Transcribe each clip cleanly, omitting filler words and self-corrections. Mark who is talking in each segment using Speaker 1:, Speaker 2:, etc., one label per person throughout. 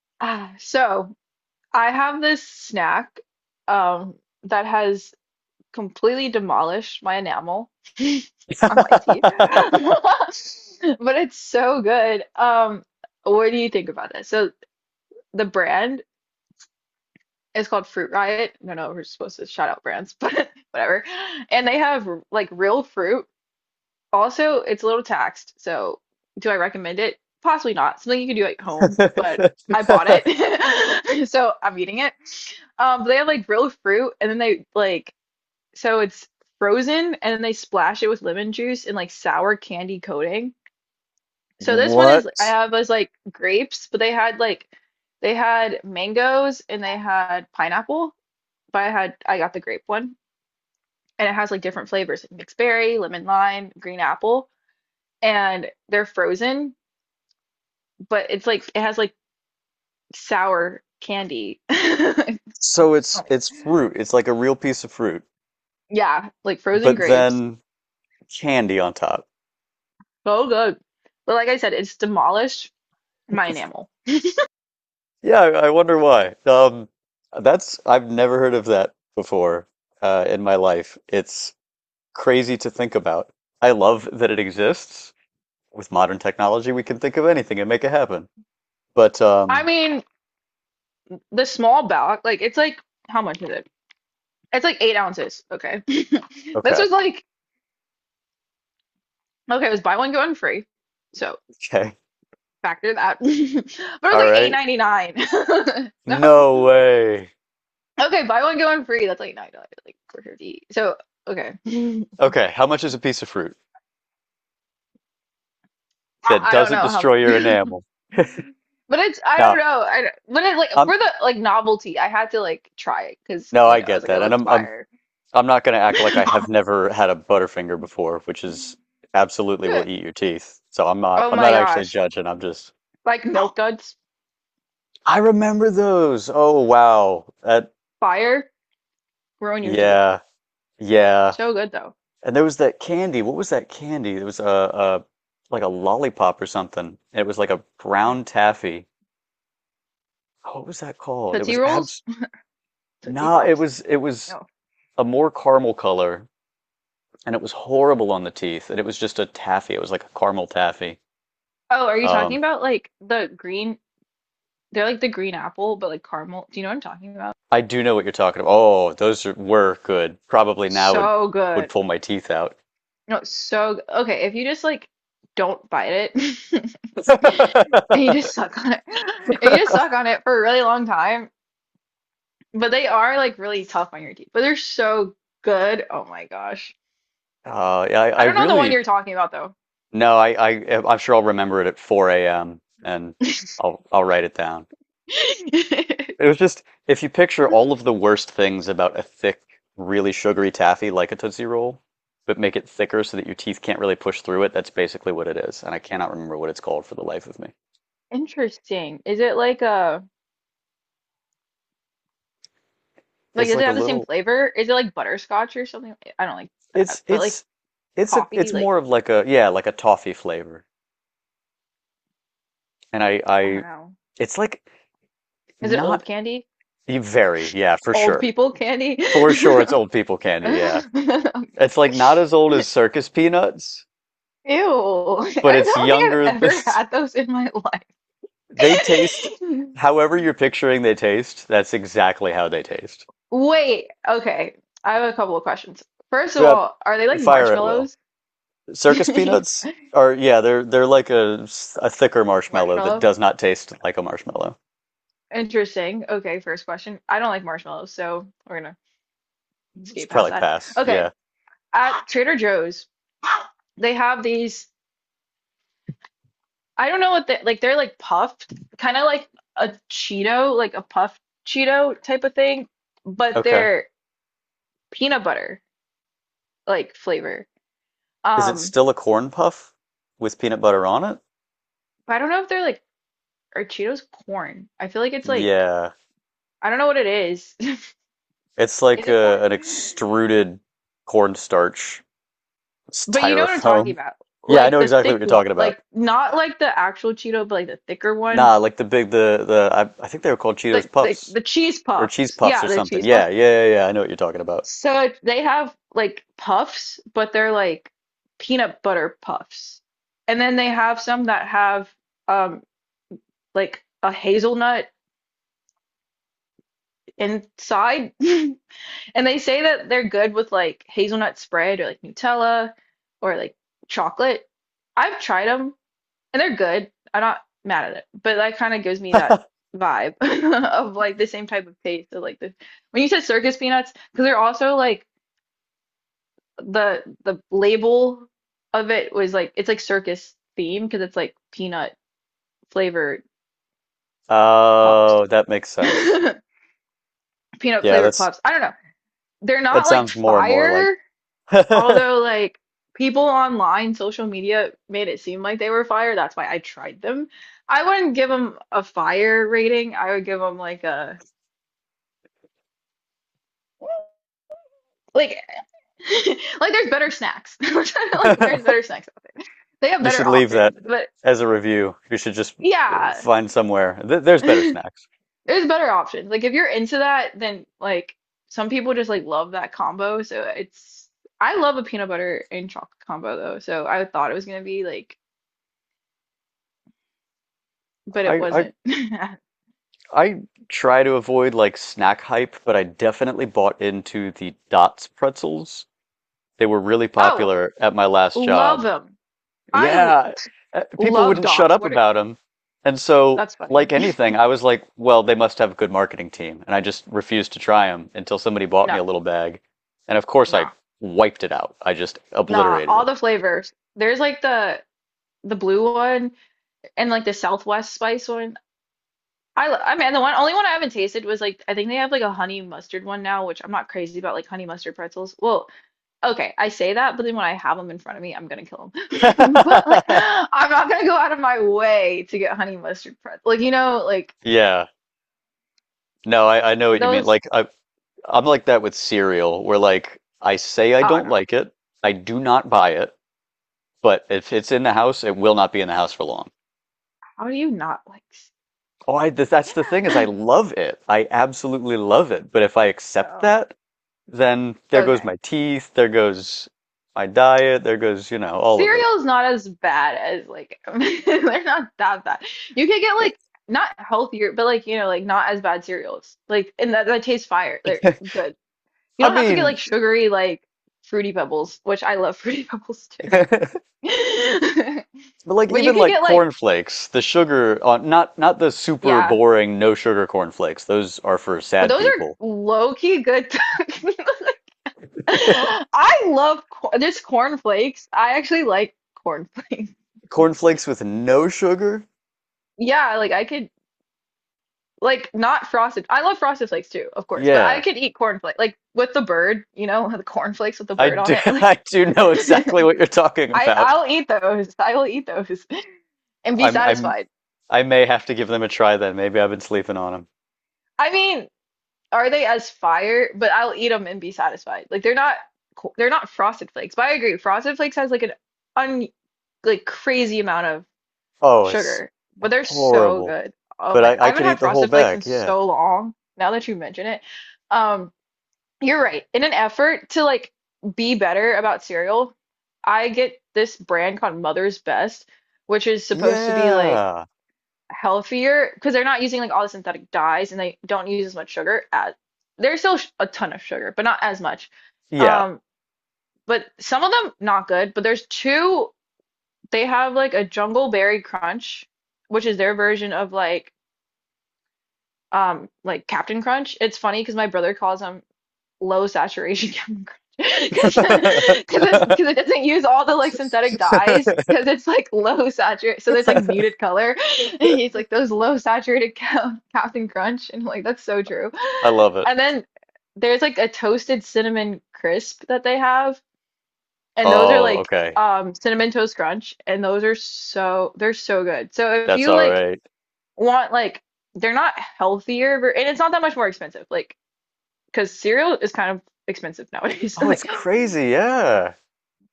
Speaker 1: Ah, so I have this snack um that has completely demolished my enamel on my teeth. But it's so good. What do you think about it? So the brand is called Fruit Riot. I don't know if we're supposed to shout out brands, but whatever. And they have like real fruit. Also, it's a little taxed, so do I recommend it? Possibly not. Something you can do at home, but I bought it, so I'm eating it. But they have like real fruit, and then they like so it's frozen, and then they splash it with lemon juice and like sour candy coating. So this one
Speaker 2: What?
Speaker 1: is I have was like grapes, but they had mangoes and they had pineapple, but I got the grape one, and it has like different flavors like mixed berry, lemon lime, green apple, and they're frozen, but it's like it has like sour candy.
Speaker 2: So it's fruit. It's like a real piece of fruit,
Speaker 1: Yeah, like frozen
Speaker 2: but
Speaker 1: grapes.
Speaker 2: then candy on top.
Speaker 1: So good. But like I said, it's demolished my enamel.
Speaker 2: Yeah, I wonder why. That's I've never heard of that before in my life. It's crazy to think about. I love that it exists. With modern technology, we can think of anything and make it happen. But
Speaker 1: I mean, the small box, like it's like how much is it? It's like 8 oz. Okay. This
Speaker 2: okay,
Speaker 1: was like okay, it was buy one, get one free. So
Speaker 2: okay,
Speaker 1: factor that. But it was
Speaker 2: all
Speaker 1: like eight
Speaker 2: right.
Speaker 1: ninety nine. So
Speaker 2: No way.
Speaker 1: okay, buy one, get one free. That's like $9, like 4.50. So okay.
Speaker 2: Okay, how much is a piece of fruit that
Speaker 1: I don't
Speaker 2: doesn't
Speaker 1: know how
Speaker 2: destroy your
Speaker 1: much.
Speaker 2: enamel?
Speaker 1: But it's I don't
Speaker 2: Now,
Speaker 1: know. I don't- but it like
Speaker 2: I'm
Speaker 1: for the like novelty, I had to like try it because
Speaker 2: no,
Speaker 1: you
Speaker 2: I
Speaker 1: know I was
Speaker 2: get
Speaker 1: like it
Speaker 2: that, and
Speaker 1: looks
Speaker 2: I'm
Speaker 1: fire.
Speaker 2: not going to act like I have never had a Butterfinger before, which is absolutely will eat your teeth. So
Speaker 1: Oh
Speaker 2: I'm
Speaker 1: my
Speaker 2: not actually
Speaker 1: gosh,
Speaker 2: judging.
Speaker 1: like milk duds,
Speaker 2: I remember those. Oh, wow. that
Speaker 1: fire, ruin your teeth.
Speaker 2: Yeah, yeah.
Speaker 1: So good though.
Speaker 2: And there was that candy. What was that candy? It was a like a lollipop or something. It was like a
Speaker 1: Mm.
Speaker 2: brown taffy. What was that called? It
Speaker 1: Tootsie
Speaker 2: was
Speaker 1: rolls,
Speaker 2: abs.
Speaker 1: Tootsie
Speaker 2: Nah,
Speaker 1: Flops.
Speaker 2: it was
Speaker 1: No.
Speaker 2: a more caramel color, and it was horrible on the teeth. And it was just a taffy. It was like a caramel taffy.
Speaker 1: Oh, are you talking
Speaker 2: Um,
Speaker 1: about like the green? They're like the green apple, but like caramel. Do you know what I'm talking about?
Speaker 2: I do know what you're talking about. Oh, were good. Probably now
Speaker 1: So
Speaker 2: would
Speaker 1: good.
Speaker 2: pull my teeth out.
Speaker 1: No, it's so g- okay. If you just like don't bite it, and you just suck on it, and you just suck on it for a really long time, but they are like really tough on your teeth, but they're so good. Oh my gosh.
Speaker 2: Yeah, I
Speaker 1: I don't know the one
Speaker 2: really
Speaker 1: you're talking about though.
Speaker 2: no, I I'm sure I'll remember it at 4 a.m., and I'll write it down. It was just if you picture all of the worst things about a thick, really sugary taffy like a Tootsie Roll, but make it thicker so that your teeth can't really push through it, that's basically what it is. And I cannot remember what it's called for the life of me.
Speaker 1: Interesting. Is it like a like
Speaker 2: It's
Speaker 1: does it
Speaker 2: like a
Speaker 1: have the same
Speaker 2: little.
Speaker 1: flavor? Is it like butterscotch or something? I don't like that,
Speaker 2: It's
Speaker 1: but like
Speaker 2: it's it's
Speaker 1: coffee, like
Speaker 2: more of like a like a toffee flavor, and
Speaker 1: I
Speaker 2: I
Speaker 1: don't know.
Speaker 2: it's like
Speaker 1: Is it old
Speaker 2: not
Speaker 1: candy?
Speaker 2: very yeah, for
Speaker 1: Old
Speaker 2: sure,
Speaker 1: people candy?
Speaker 2: it's old people candy, yeah. It's like not as old as circus peanuts,
Speaker 1: Ew.
Speaker 2: but
Speaker 1: I
Speaker 2: it's
Speaker 1: don't think I've ever had those in my life.
Speaker 2: They taste however you're picturing they taste. That's exactly how they taste.
Speaker 1: Wait, okay. I have a couple of questions. First of
Speaker 2: Uh,
Speaker 1: all, are they like
Speaker 2: Fire at will.
Speaker 1: marshmallows?
Speaker 2: Circus peanuts are, yeah, they're like a thicker marshmallow that
Speaker 1: Marshmallow?
Speaker 2: does not taste like a marshmallow.
Speaker 1: Interesting. Okay, first question. I don't like marshmallows, so we're gonna
Speaker 2: It's
Speaker 1: skate past
Speaker 2: probably
Speaker 1: that.
Speaker 2: pass. Yeah.
Speaker 1: Okay, at Trader Joe's, they have these, I don't know what they like, they're like puffed, kind of like a Cheeto, like a puffed Cheeto type of thing, but
Speaker 2: Okay.
Speaker 1: they're peanut butter, like flavor.
Speaker 2: Is it
Speaker 1: Um,
Speaker 2: still a corn puff with peanut butter on it?
Speaker 1: but I don't know if they're like are Cheetos corn? I feel like it's like
Speaker 2: Yeah.
Speaker 1: I don't know what it is.
Speaker 2: It's
Speaker 1: Is
Speaker 2: like
Speaker 1: it corn?
Speaker 2: an extruded cornstarch
Speaker 1: But you know what I'm talking
Speaker 2: styrofoam.
Speaker 1: about.
Speaker 2: Yeah, I
Speaker 1: Like
Speaker 2: know
Speaker 1: the
Speaker 2: exactly what
Speaker 1: thick
Speaker 2: you're
Speaker 1: one.
Speaker 2: talking about.
Speaker 1: Like not like the actual Cheeto, but like the thicker
Speaker 2: Nah,
Speaker 1: one.
Speaker 2: like the big the I think they were called Cheetos
Speaker 1: Like the, the,
Speaker 2: Puffs
Speaker 1: the cheese
Speaker 2: or Cheese
Speaker 1: puffs.
Speaker 2: Puffs or
Speaker 1: Yeah, the
Speaker 2: something.
Speaker 1: cheese
Speaker 2: Yeah,
Speaker 1: puffs.
Speaker 2: yeah, yeah, yeah. I know what you're talking about.
Speaker 1: So they have like puffs, but they're like peanut butter puffs. And then they have some that have um like a hazelnut inside. And they say that they're good with like hazelnut spread or like Nutella or like chocolate. I've tried them and they're good. I'm not mad at it, but that kind of gives me that vibe of like the same type of taste. So like the when you said circus peanuts, because they're also like the label of it was like it's like circus theme because it's like peanut flavored puffs,
Speaker 2: Oh, that makes sense.
Speaker 1: peanut
Speaker 2: Yeah,
Speaker 1: flavored puffs. I don't know. They're
Speaker 2: that
Speaker 1: not like
Speaker 2: sounds more and more like
Speaker 1: fire.
Speaker 2: you
Speaker 1: Although, like, people online, social media made it seem like they were fire. That's why I tried them. I wouldn't give them a fire rating. I would give them like a like like there's better snacks. I'm trying to, like there's better snacks out there. They have
Speaker 2: should
Speaker 1: better
Speaker 2: leave that
Speaker 1: options. But
Speaker 2: as a review. You should just
Speaker 1: yeah,
Speaker 2: find somewhere. Th There's better
Speaker 1: there's
Speaker 2: snacks.
Speaker 1: better options. Like if you're into that, then like some people just like love that combo. So it's I love a peanut butter and chocolate combo though. So I thought it was gonna be like, but it
Speaker 2: I, I
Speaker 1: wasn't.
Speaker 2: I try to avoid like snack hype, but I definitely bought into the Dots pretzels. They were really
Speaker 1: Oh,
Speaker 2: popular at my last
Speaker 1: love
Speaker 2: job.
Speaker 1: them. I
Speaker 2: Yeah, people
Speaker 1: love
Speaker 2: wouldn't shut
Speaker 1: dots.
Speaker 2: up
Speaker 1: What are,
Speaker 2: about them. And so,
Speaker 1: that's funny.
Speaker 2: like anything, I was like, well, they must have a good marketing team. And I just refused to try them until somebody bought me a
Speaker 1: No,
Speaker 2: little bag. And of course, I
Speaker 1: nah,
Speaker 2: wiped it out. I just
Speaker 1: nah.
Speaker 2: obliterated
Speaker 1: All the flavors. There's like the blue one and like the Southwest spice one. I lo- I mean the one only one I haven't tasted was like I think they have like a honey mustard one now, which I'm not crazy about like honey mustard pretzels. Well, okay, I say that, but then when I have them in front of me, I'm gonna kill them. But like
Speaker 2: it.
Speaker 1: I'm not gonna go out of my way to get honey mustard pretzels. Like you know, like
Speaker 2: Yeah. No, I know what you mean.
Speaker 1: those.
Speaker 2: Like I'm like that with cereal, where like I say I
Speaker 1: Oh
Speaker 2: don't
Speaker 1: no,
Speaker 2: like it, I do not buy it, but if it's in the house, it will not be in the house for long.
Speaker 1: how do you not like?
Speaker 2: Oh, that's the thing, is I love it. I absolutely love it. But if I accept
Speaker 1: Oh.
Speaker 2: that, then there goes
Speaker 1: Okay.
Speaker 2: my teeth, there goes my diet, there goes, you know, all of it.
Speaker 1: Cereal's not as bad as like they're not that bad. You could get like not healthier, but like you know, like not as bad cereals. Like and that tastes fire.
Speaker 2: It-
Speaker 1: They're good. You
Speaker 2: I
Speaker 1: don't have to get
Speaker 2: mean,
Speaker 1: like sugary like fruity pebbles, which I love fruity pebbles too.
Speaker 2: but like
Speaker 1: But you
Speaker 2: even
Speaker 1: could
Speaker 2: like
Speaker 1: get like
Speaker 2: cornflakes, the sugar on not the super
Speaker 1: yeah,
Speaker 2: boring no sugar cornflakes. Those are for
Speaker 1: but
Speaker 2: sad
Speaker 1: those are
Speaker 2: people.
Speaker 1: low key good. I love cor- just corn flakes. I actually like corn flakes.
Speaker 2: Cornflakes with no sugar?
Speaker 1: Yeah, like I could. Like not frosted. I love frosted flakes too, of course, but I
Speaker 2: Yeah,
Speaker 1: could eat cornflakes like with the bird, you know, the cornflakes with the
Speaker 2: I
Speaker 1: bird on
Speaker 2: do.
Speaker 1: it. Like
Speaker 2: I do know exactly what you're talking
Speaker 1: I
Speaker 2: about.
Speaker 1: I'll eat those. I will eat those and be
Speaker 2: I'm. I'm.
Speaker 1: satisfied.
Speaker 2: I may have to give them a try then. Maybe I've been sleeping on them.
Speaker 1: I mean, are they as fire? But I'll eat them and be satisfied. Like they're not co- they're not frosted flakes. But I agree, frosted flakes has like an un like crazy amount of
Speaker 2: Oh, it's
Speaker 1: sugar, but they're so
Speaker 2: horrible.
Speaker 1: good. Oh
Speaker 2: But
Speaker 1: my God.
Speaker 2: I.
Speaker 1: I
Speaker 2: I could
Speaker 1: haven't
Speaker 2: eat
Speaker 1: had
Speaker 2: the whole
Speaker 1: frosted flakes
Speaker 2: bag.
Speaker 1: in
Speaker 2: Yeah.
Speaker 1: so long, now that you mention it. Um You're right. In an effort to like be better about cereal, I get this brand called Mother's Best, which is supposed to be like
Speaker 2: Yeah.
Speaker 1: healthier because they're not using like all the synthetic dyes and they don't use as much sugar as there's still sh- a ton of sugar, but not as much.
Speaker 2: Yeah.
Speaker 1: Um, but some of them not good, but there's two they have like a Jungle Berry Crunch, which is their version of like Captain Crunch. It's funny because my brother calls them low saturation Captain because because it doesn't use all the like synthetic dyes because it's like low saturated so it's like muted color and he's like those low saturated Cap- Captain Crunch and I'm like that's so true.
Speaker 2: I love it.
Speaker 1: And then there's like a toasted cinnamon crisp that they have and those are
Speaker 2: Oh,
Speaker 1: like
Speaker 2: okay.
Speaker 1: cinnamon toast crunch and those are so they're so good so if
Speaker 2: That's
Speaker 1: you
Speaker 2: all
Speaker 1: like
Speaker 2: right.
Speaker 1: want like they're not healthier ver- and it's not that much more expensive like because cereal is kind of expensive nowadays.
Speaker 2: Oh, it's crazy. Yeah.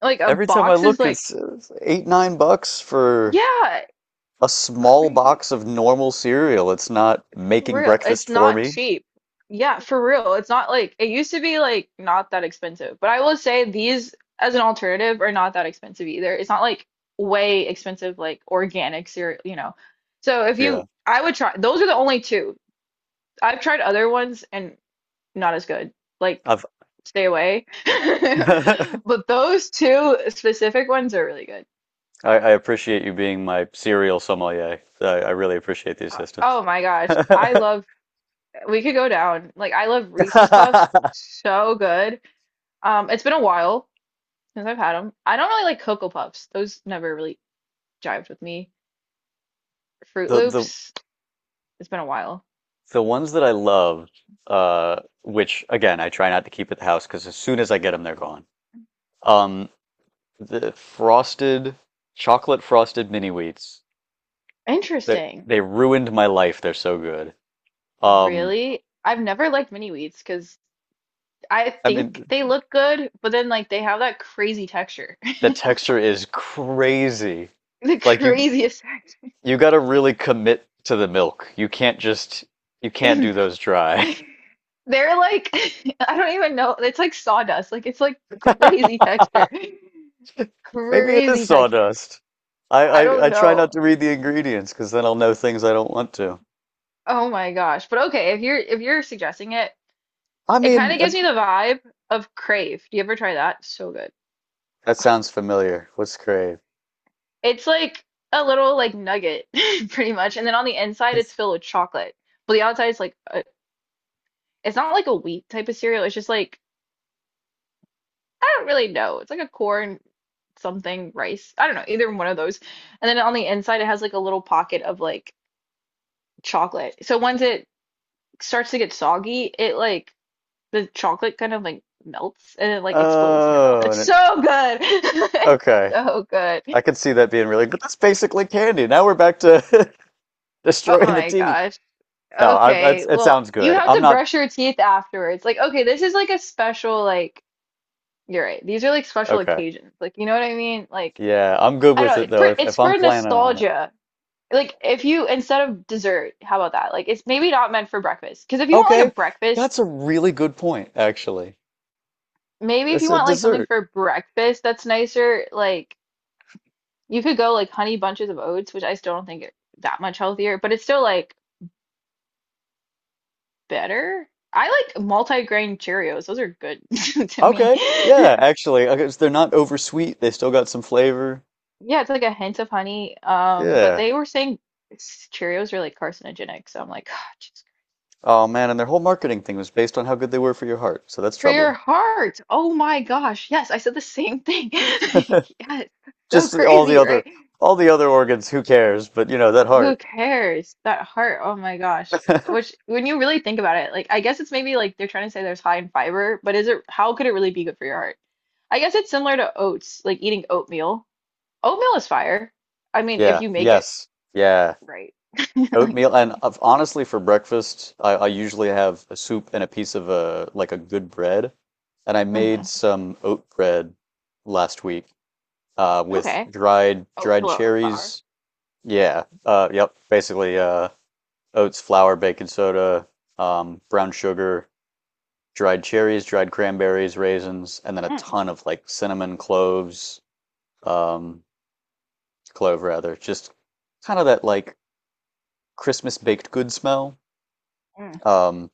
Speaker 1: like a
Speaker 2: Every time I
Speaker 1: box is
Speaker 2: look,
Speaker 1: like,
Speaker 2: it's $8-9 for
Speaker 1: yeah,
Speaker 2: a small
Speaker 1: crazy.
Speaker 2: box of normal cereal. It's not
Speaker 1: For
Speaker 2: making
Speaker 1: real.
Speaker 2: breakfast
Speaker 1: It's
Speaker 2: for
Speaker 1: not
Speaker 2: me.
Speaker 1: cheap. Yeah, for real. It's not like it used to be like not that expensive. But I will say these as an alternative are not that expensive either. It's not like way expensive like organic cereal, you know. So if
Speaker 2: Yeah.
Speaker 1: you I would try those are the only two. I've tried other ones and not as good. Like
Speaker 2: I've
Speaker 1: stay away.
Speaker 2: I,
Speaker 1: But those two specific ones are really good.
Speaker 2: I appreciate you being my cereal sommelier. I really appreciate the assistance.
Speaker 1: Oh my gosh. I love we could go down. Like I love Reese's Puffs so good. It's been a while since I've had them. I don't really like Cocoa Puffs. Those never really jived with me. Fruit
Speaker 2: The the
Speaker 1: Loops, it's been a while.
Speaker 2: the ones that I loved, which again I try not to keep at the house because as soon as I get them, they're gone. Um, the frosted chocolate frosted mini wheats that
Speaker 1: Interesting.
Speaker 2: they ruined my life. They're so good. Um,
Speaker 1: Really? I've never liked mini wheats because I
Speaker 2: I mean,
Speaker 1: think they look good, but then like they have that crazy texture.
Speaker 2: the texture is crazy.
Speaker 1: The
Speaker 2: Like
Speaker 1: craziest
Speaker 2: you got to really commit to the milk. You can't just you can't do those dry.
Speaker 1: they're like I don't even know. It's like sawdust. Like it's like crazy texture.
Speaker 2: Maybe it is
Speaker 1: Crazy texture.
Speaker 2: sawdust.
Speaker 1: I don't
Speaker 2: I try
Speaker 1: know.
Speaker 2: not to read the ingredients because then I'll know things I don't want to.
Speaker 1: Oh my gosh. But okay, if you're suggesting it,
Speaker 2: I
Speaker 1: it kind
Speaker 2: mean,
Speaker 1: of gives me the vibe of Crave. Do you ever try that? So good.
Speaker 2: that sounds familiar. What's crave?
Speaker 1: It's like a little like nugget pretty much, and then on the inside it's filled with chocolate. But the outside is like a, it's not like a wheat type of cereal. It's just like I don't really know. It's like a corn something rice. I don't know, either one of those. And then on the inside it has like a little pocket of like chocolate. So once it starts to get soggy, it like the chocolate kind of like melts and it like explodes in your mouth.
Speaker 2: Oh,
Speaker 1: It's so good.
Speaker 2: okay.
Speaker 1: It's so good.
Speaker 2: I can see that being really, but that's basically candy. Now we're back to
Speaker 1: Oh
Speaker 2: destroying the
Speaker 1: my
Speaker 2: teeth.
Speaker 1: gosh.
Speaker 2: No,
Speaker 1: Okay.
Speaker 2: it
Speaker 1: Well,
Speaker 2: sounds
Speaker 1: you
Speaker 2: good.
Speaker 1: have
Speaker 2: I'm
Speaker 1: to
Speaker 2: not
Speaker 1: brush your teeth afterwards. Like, okay, this is like a special like you're right. These are like special
Speaker 2: Okay.
Speaker 1: occasions. Like, you know what I mean? Like,
Speaker 2: Yeah, I'm good
Speaker 1: I
Speaker 2: with
Speaker 1: don't
Speaker 2: it
Speaker 1: know. For
Speaker 2: though. If
Speaker 1: it's
Speaker 2: I'm
Speaker 1: for
Speaker 2: planning on it.
Speaker 1: nostalgia. Like, if you instead of dessert, how about that? Like, it's maybe not meant for breakfast. Because if you want like
Speaker 2: Okay,
Speaker 1: a breakfast,
Speaker 2: that's a really good point, actually.
Speaker 1: maybe if
Speaker 2: It's
Speaker 1: you
Speaker 2: a
Speaker 1: want like something
Speaker 2: dessert.
Speaker 1: for breakfast that's nicer, like you could go like honey bunches of oats, which I still don't think it that much healthier, but it's still like better. I like multi-grain Cheerios. Those are good to me.
Speaker 2: Okay, yeah, actually, okay, so they're not oversweet. They still got some flavor.
Speaker 1: Yeah, it's like a hint of honey. But
Speaker 2: Yeah.
Speaker 1: they were saying Cheerios are like carcinogenic, so I'm like, oh, Jesus.
Speaker 2: Oh man, and their whole marketing thing was based on how good they were for your heart, so that's
Speaker 1: For your
Speaker 2: troubling.
Speaker 1: heart. Oh my gosh. Yes, I said the same thing. Yes. So
Speaker 2: Just
Speaker 1: crazy, right?
Speaker 2: all the other organs, who cares? But you know, that
Speaker 1: Who
Speaker 2: heart.
Speaker 1: cares? That heart, oh my gosh. Which, when you really think about it, like, I guess it's maybe like they're trying to say there's high in fiber, but is it, how could it really be good for your heart? I guess it's similar to oats, like eating oatmeal. Oatmeal is fire. I mean, if
Speaker 2: Yeah.
Speaker 1: you make it
Speaker 2: Yes. Yeah.
Speaker 1: right. Like,
Speaker 2: Oatmeal, and honestly, for breakfast, I usually have a soup and a piece of a like a good bread, and I made
Speaker 1: mhm.
Speaker 2: some oat bread last week, with
Speaker 1: Okay.
Speaker 2: dried
Speaker 1: Flour.
Speaker 2: cherries. Yeah. Yep. Basically, oats, flour, baking soda, brown sugar, dried cherries, dried cranberries, raisins, and then a
Speaker 1: Mm,
Speaker 2: ton of like cinnamon cloves, um, clove rather, just kind of that like Christmas baked good smell.
Speaker 1: mm.
Speaker 2: Um,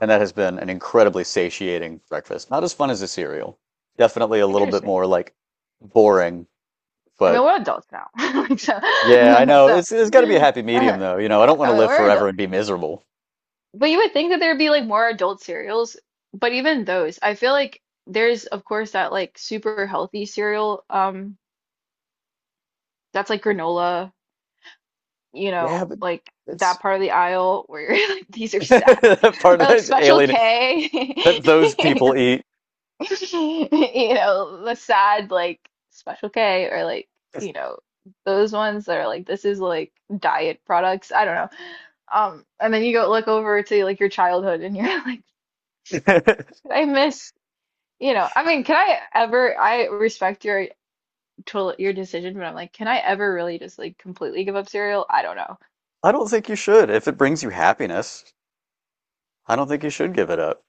Speaker 2: and that has been an incredibly satiating breakfast. Not as fun as a cereal. Definitely a little bit more
Speaker 1: Interesting.
Speaker 2: like boring,
Speaker 1: I mean,
Speaker 2: but
Speaker 1: we're adults now. Like, so,
Speaker 2: yeah, I know.
Speaker 1: so,
Speaker 2: It's got to be a happy medium,
Speaker 1: uh,
Speaker 2: though. You know, I don't want to
Speaker 1: I mean,
Speaker 2: live
Speaker 1: we're
Speaker 2: forever
Speaker 1: adults.
Speaker 2: and be miserable.
Speaker 1: But you would think that there'd be like more adult cereals, but even those, I feel like there's of course that like super healthy cereal, that's like granola, you
Speaker 2: Yeah,
Speaker 1: know,
Speaker 2: but
Speaker 1: like
Speaker 2: it's
Speaker 1: that part of the aisle where you're like these are sad,
Speaker 2: that part
Speaker 1: or
Speaker 2: of
Speaker 1: like
Speaker 2: that
Speaker 1: Special
Speaker 2: alien
Speaker 1: K,
Speaker 2: that those people eat.
Speaker 1: you know, the sad like Special K, or like you know those ones that are like this is like diet products. I don't know. And then you go look over to like your childhood and you're like,
Speaker 2: I
Speaker 1: I miss you know, I mean, can I ever? I respect your total your decision, but I'm like, can I ever really just like completely give up cereal? I don't know.
Speaker 2: don't think you should. If it brings you happiness, I don't think you should give it up.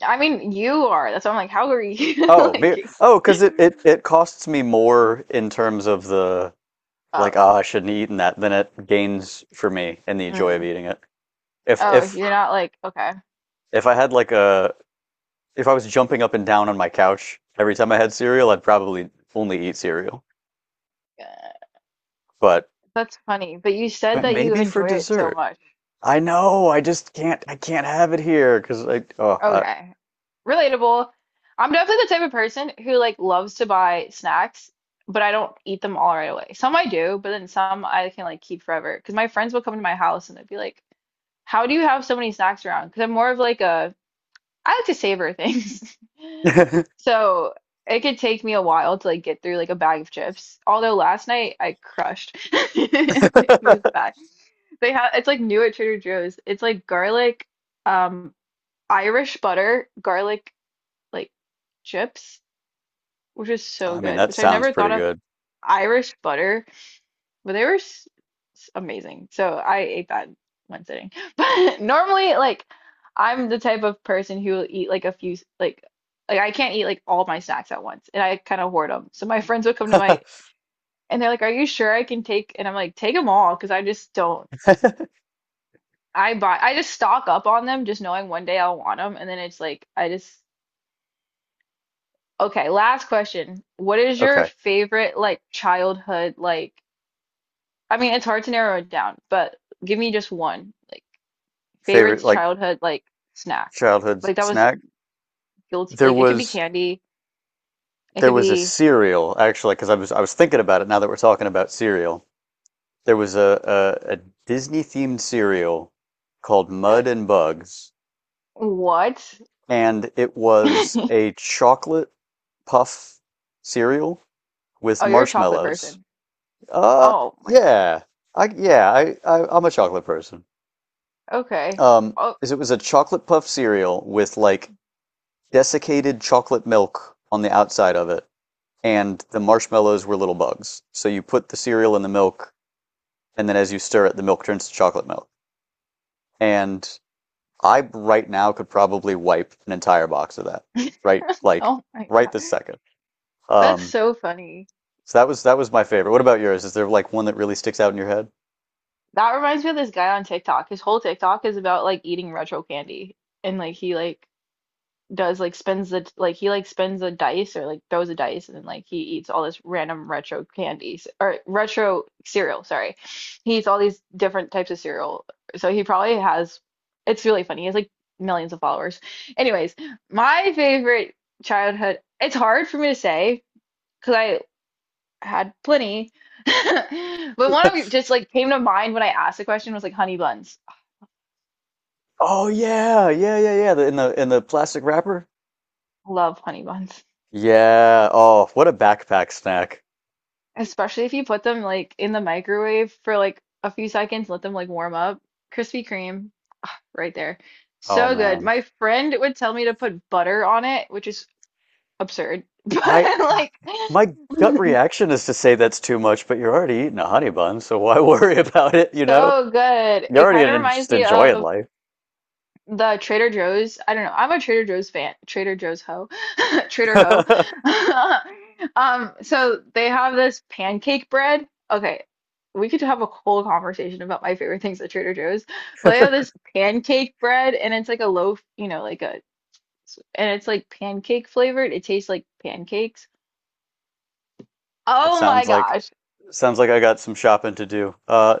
Speaker 1: I mean, you are. That's why I'm like, how are you?
Speaker 2: Oh, me.
Speaker 1: Like,
Speaker 2: Oh, because it costs me more in terms of the,
Speaker 1: oh,
Speaker 2: like, ah, I shouldn't have eaten that than it gains for me in the joy of
Speaker 1: mm.
Speaker 2: eating it. If
Speaker 1: Oh,
Speaker 2: if
Speaker 1: you're not like okay.
Speaker 2: if I had like a if I was jumping up and down on my couch every time I had cereal, I'd probably only eat cereal.
Speaker 1: Uh,
Speaker 2: But
Speaker 1: That's funny. But you said
Speaker 2: But
Speaker 1: that you
Speaker 2: maybe for
Speaker 1: enjoy it so
Speaker 2: dessert.
Speaker 1: much.
Speaker 2: I know. I just can't. I can't have it here because I. Oh,
Speaker 1: Okay. Relatable. I'm definitely the type of person who like loves to buy snacks, but I don't eat them all right away. Some I do, but then some I can like keep forever. Because my friends will come to my house and they'd be like, "How do you have so many snacks around?" Because I'm more of like a I like to savor things. So it could take me a while to like get through like a bag of chips. Although last night I crushed these bags. They have it's like new at Trader Joe's. It's like garlic, um, Irish butter, garlic like chips, which is so
Speaker 2: I mean
Speaker 1: good,
Speaker 2: that
Speaker 1: which I
Speaker 2: sounds
Speaker 1: never
Speaker 2: pretty
Speaker 1: thought of
Speaker 2: good.
Speaker 1: Irish butter, but they were amazing. So I ate that in one sitting. But normally, like I'm the type of person who will eat like like I can't eat like all my snacks at once, and I kind of hoard them. So my friends would come to my and they're like, "Are you sure I can take?" And I'm like, "Take them all," because I just don't. I just stock up on them, just knowing one day I'll want them, and then it's like I just okay, last question. What is your
Speaker 2: Okay.
Speaker 1: favorite like childhood like I mean it's hard to narrow it down, but give me just one. Like favorite
Speaker 2: Favorite like
Speaker 1: childhood like snack.
Speaker 2: childhood
Speaker 1: Like that was
Speaker 2: snack?
Speaker 1: guilty.
Speaker 2: There
Speaker 1: Like it could be
Speaker 2: was
Speaker 1: candy. It could
Speaker 2: a
Speaker 1: be
Speaker 2: cereal, actually, because I was thinking about it now that we're talking about cereal. There was a Disney themed cereal called Mud and Bugs,
Speaker 1: what?
Speaker 2: and it was a chocolate puff cereal
Speaker 1: Oh,
Speaker 2: with
Speaker 1: you're a chocolate
Speaker 2: marshmallows.
Speaker 1: person.
Speaker 2: Uh,
Speaker 1: Oh my.
Speaker 2: yeah. I Yeah, I'm a chocolate person.
Speaker 1: Okay. Oh,
Speaker 2: Is It was a chocolate puff cereal with like desiccated chocolate milk on the outside of it, and the marshmallows were little bugs. So you put the cereal in the milk, and then as you stir it, the milk turns to chocolate milk. And I right now could probably wipe an entire box of that. Right, like
Speaker 1: oh my
Speaker 2: right
Speaker 1: God.
Speaker 2: this second.
Speaker 1: That's
Speaker 2: Um,
Speaker 1: so funny.
Speaker 2: so that was my favorite. What about yours? Is there like one that really sticks out in your head?
Speaker 1: That reminds me of this guy on TikTok. His whole TikTok is about like eating retro candy and like he like does like spends the like he like spins the dice or like throws a dice and then like he eats all this random retro candies or retro cereal, sorry. He eats all these different types of cereal. So he probably has it's really funny. He has like millions of followers. Anyways, my favorite childhood it's hard for me to say because I had plenty. But one of them just like came to mind when I asked the question was like honey buns.
Speaker 2: Oh, yeah, yeah, yeah, yeah. The, in the In the plastic wrapper.
Speaker 1: I love honey buns.
Speaker 2: Yeah. Oh, what a backpack snack.
Speaker 1: Especially if you put them like in the microwave for like a few seconds, let them like warm up. Krispy Kreme right there.
Speaker 2: Oh,
Speaker 1: So good.
Speaker 2: man.
Speaker 1: My friend would tell me to put butter on it, which is absurd, but
Speaker 2: I
Speaker 1: like
Speaker 2: My gut reaction is to say that's too much, but you're already eating a honey bun, so why worry about it, you know?
Speaker 1: so good.
Speaker 2: You're
Speaker 1: It
Speaker 2: already
Speaker 1: kind of
Speaker 2: gonna
Speaker 1: reminds
Speaker 2: just
Speaker 1: me
Speaker 2: enjoying
Speaker 1: of
Speaker 2: life.
Speaker 1: the Trader Joe's, I don't know. I'm a Trader Joe's fan. Trader Joe's hoe. Trader hoe. So they have this pancake bread. Okay, we could have a whole conversation about my favorite things at Trader Joe's. But they have this pancake bread and it's like a loaf, you know, like a and it's like pancake flavored. It tastes like pancakes.
Speaker 2: It
Speaker 1: Oh my
Speaker 2: sounds like
Speaker 1: gosh.
Speaker 2: Sounds like I got some shopping to do.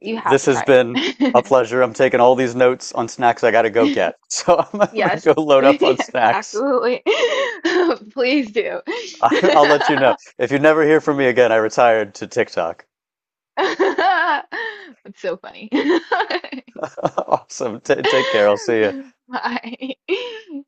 Speaker 1: You have
Speaker 2: This
Speaker 1: to
Speaker 2: has
Speaker 1: try
Speaker 2: been a
Speaker 1: it.
Speaker 2: pleasure. I'm taking all these notes on snacks I gotta go get. So I'm gonna
Speaker 1: Yes.
Speaker 2: go load up on
Speaker 1: Yes,
Speaker 2: snacks.
Speaker 1: absolutely. Please do.
Speaker 2: I'll let you know. If you never hear from me again, I retired to TikTok.
Speaker 1: It's so funny.
Speaker 2: Awesome. T Take care. I'll see you.
Speaker 1: Bye.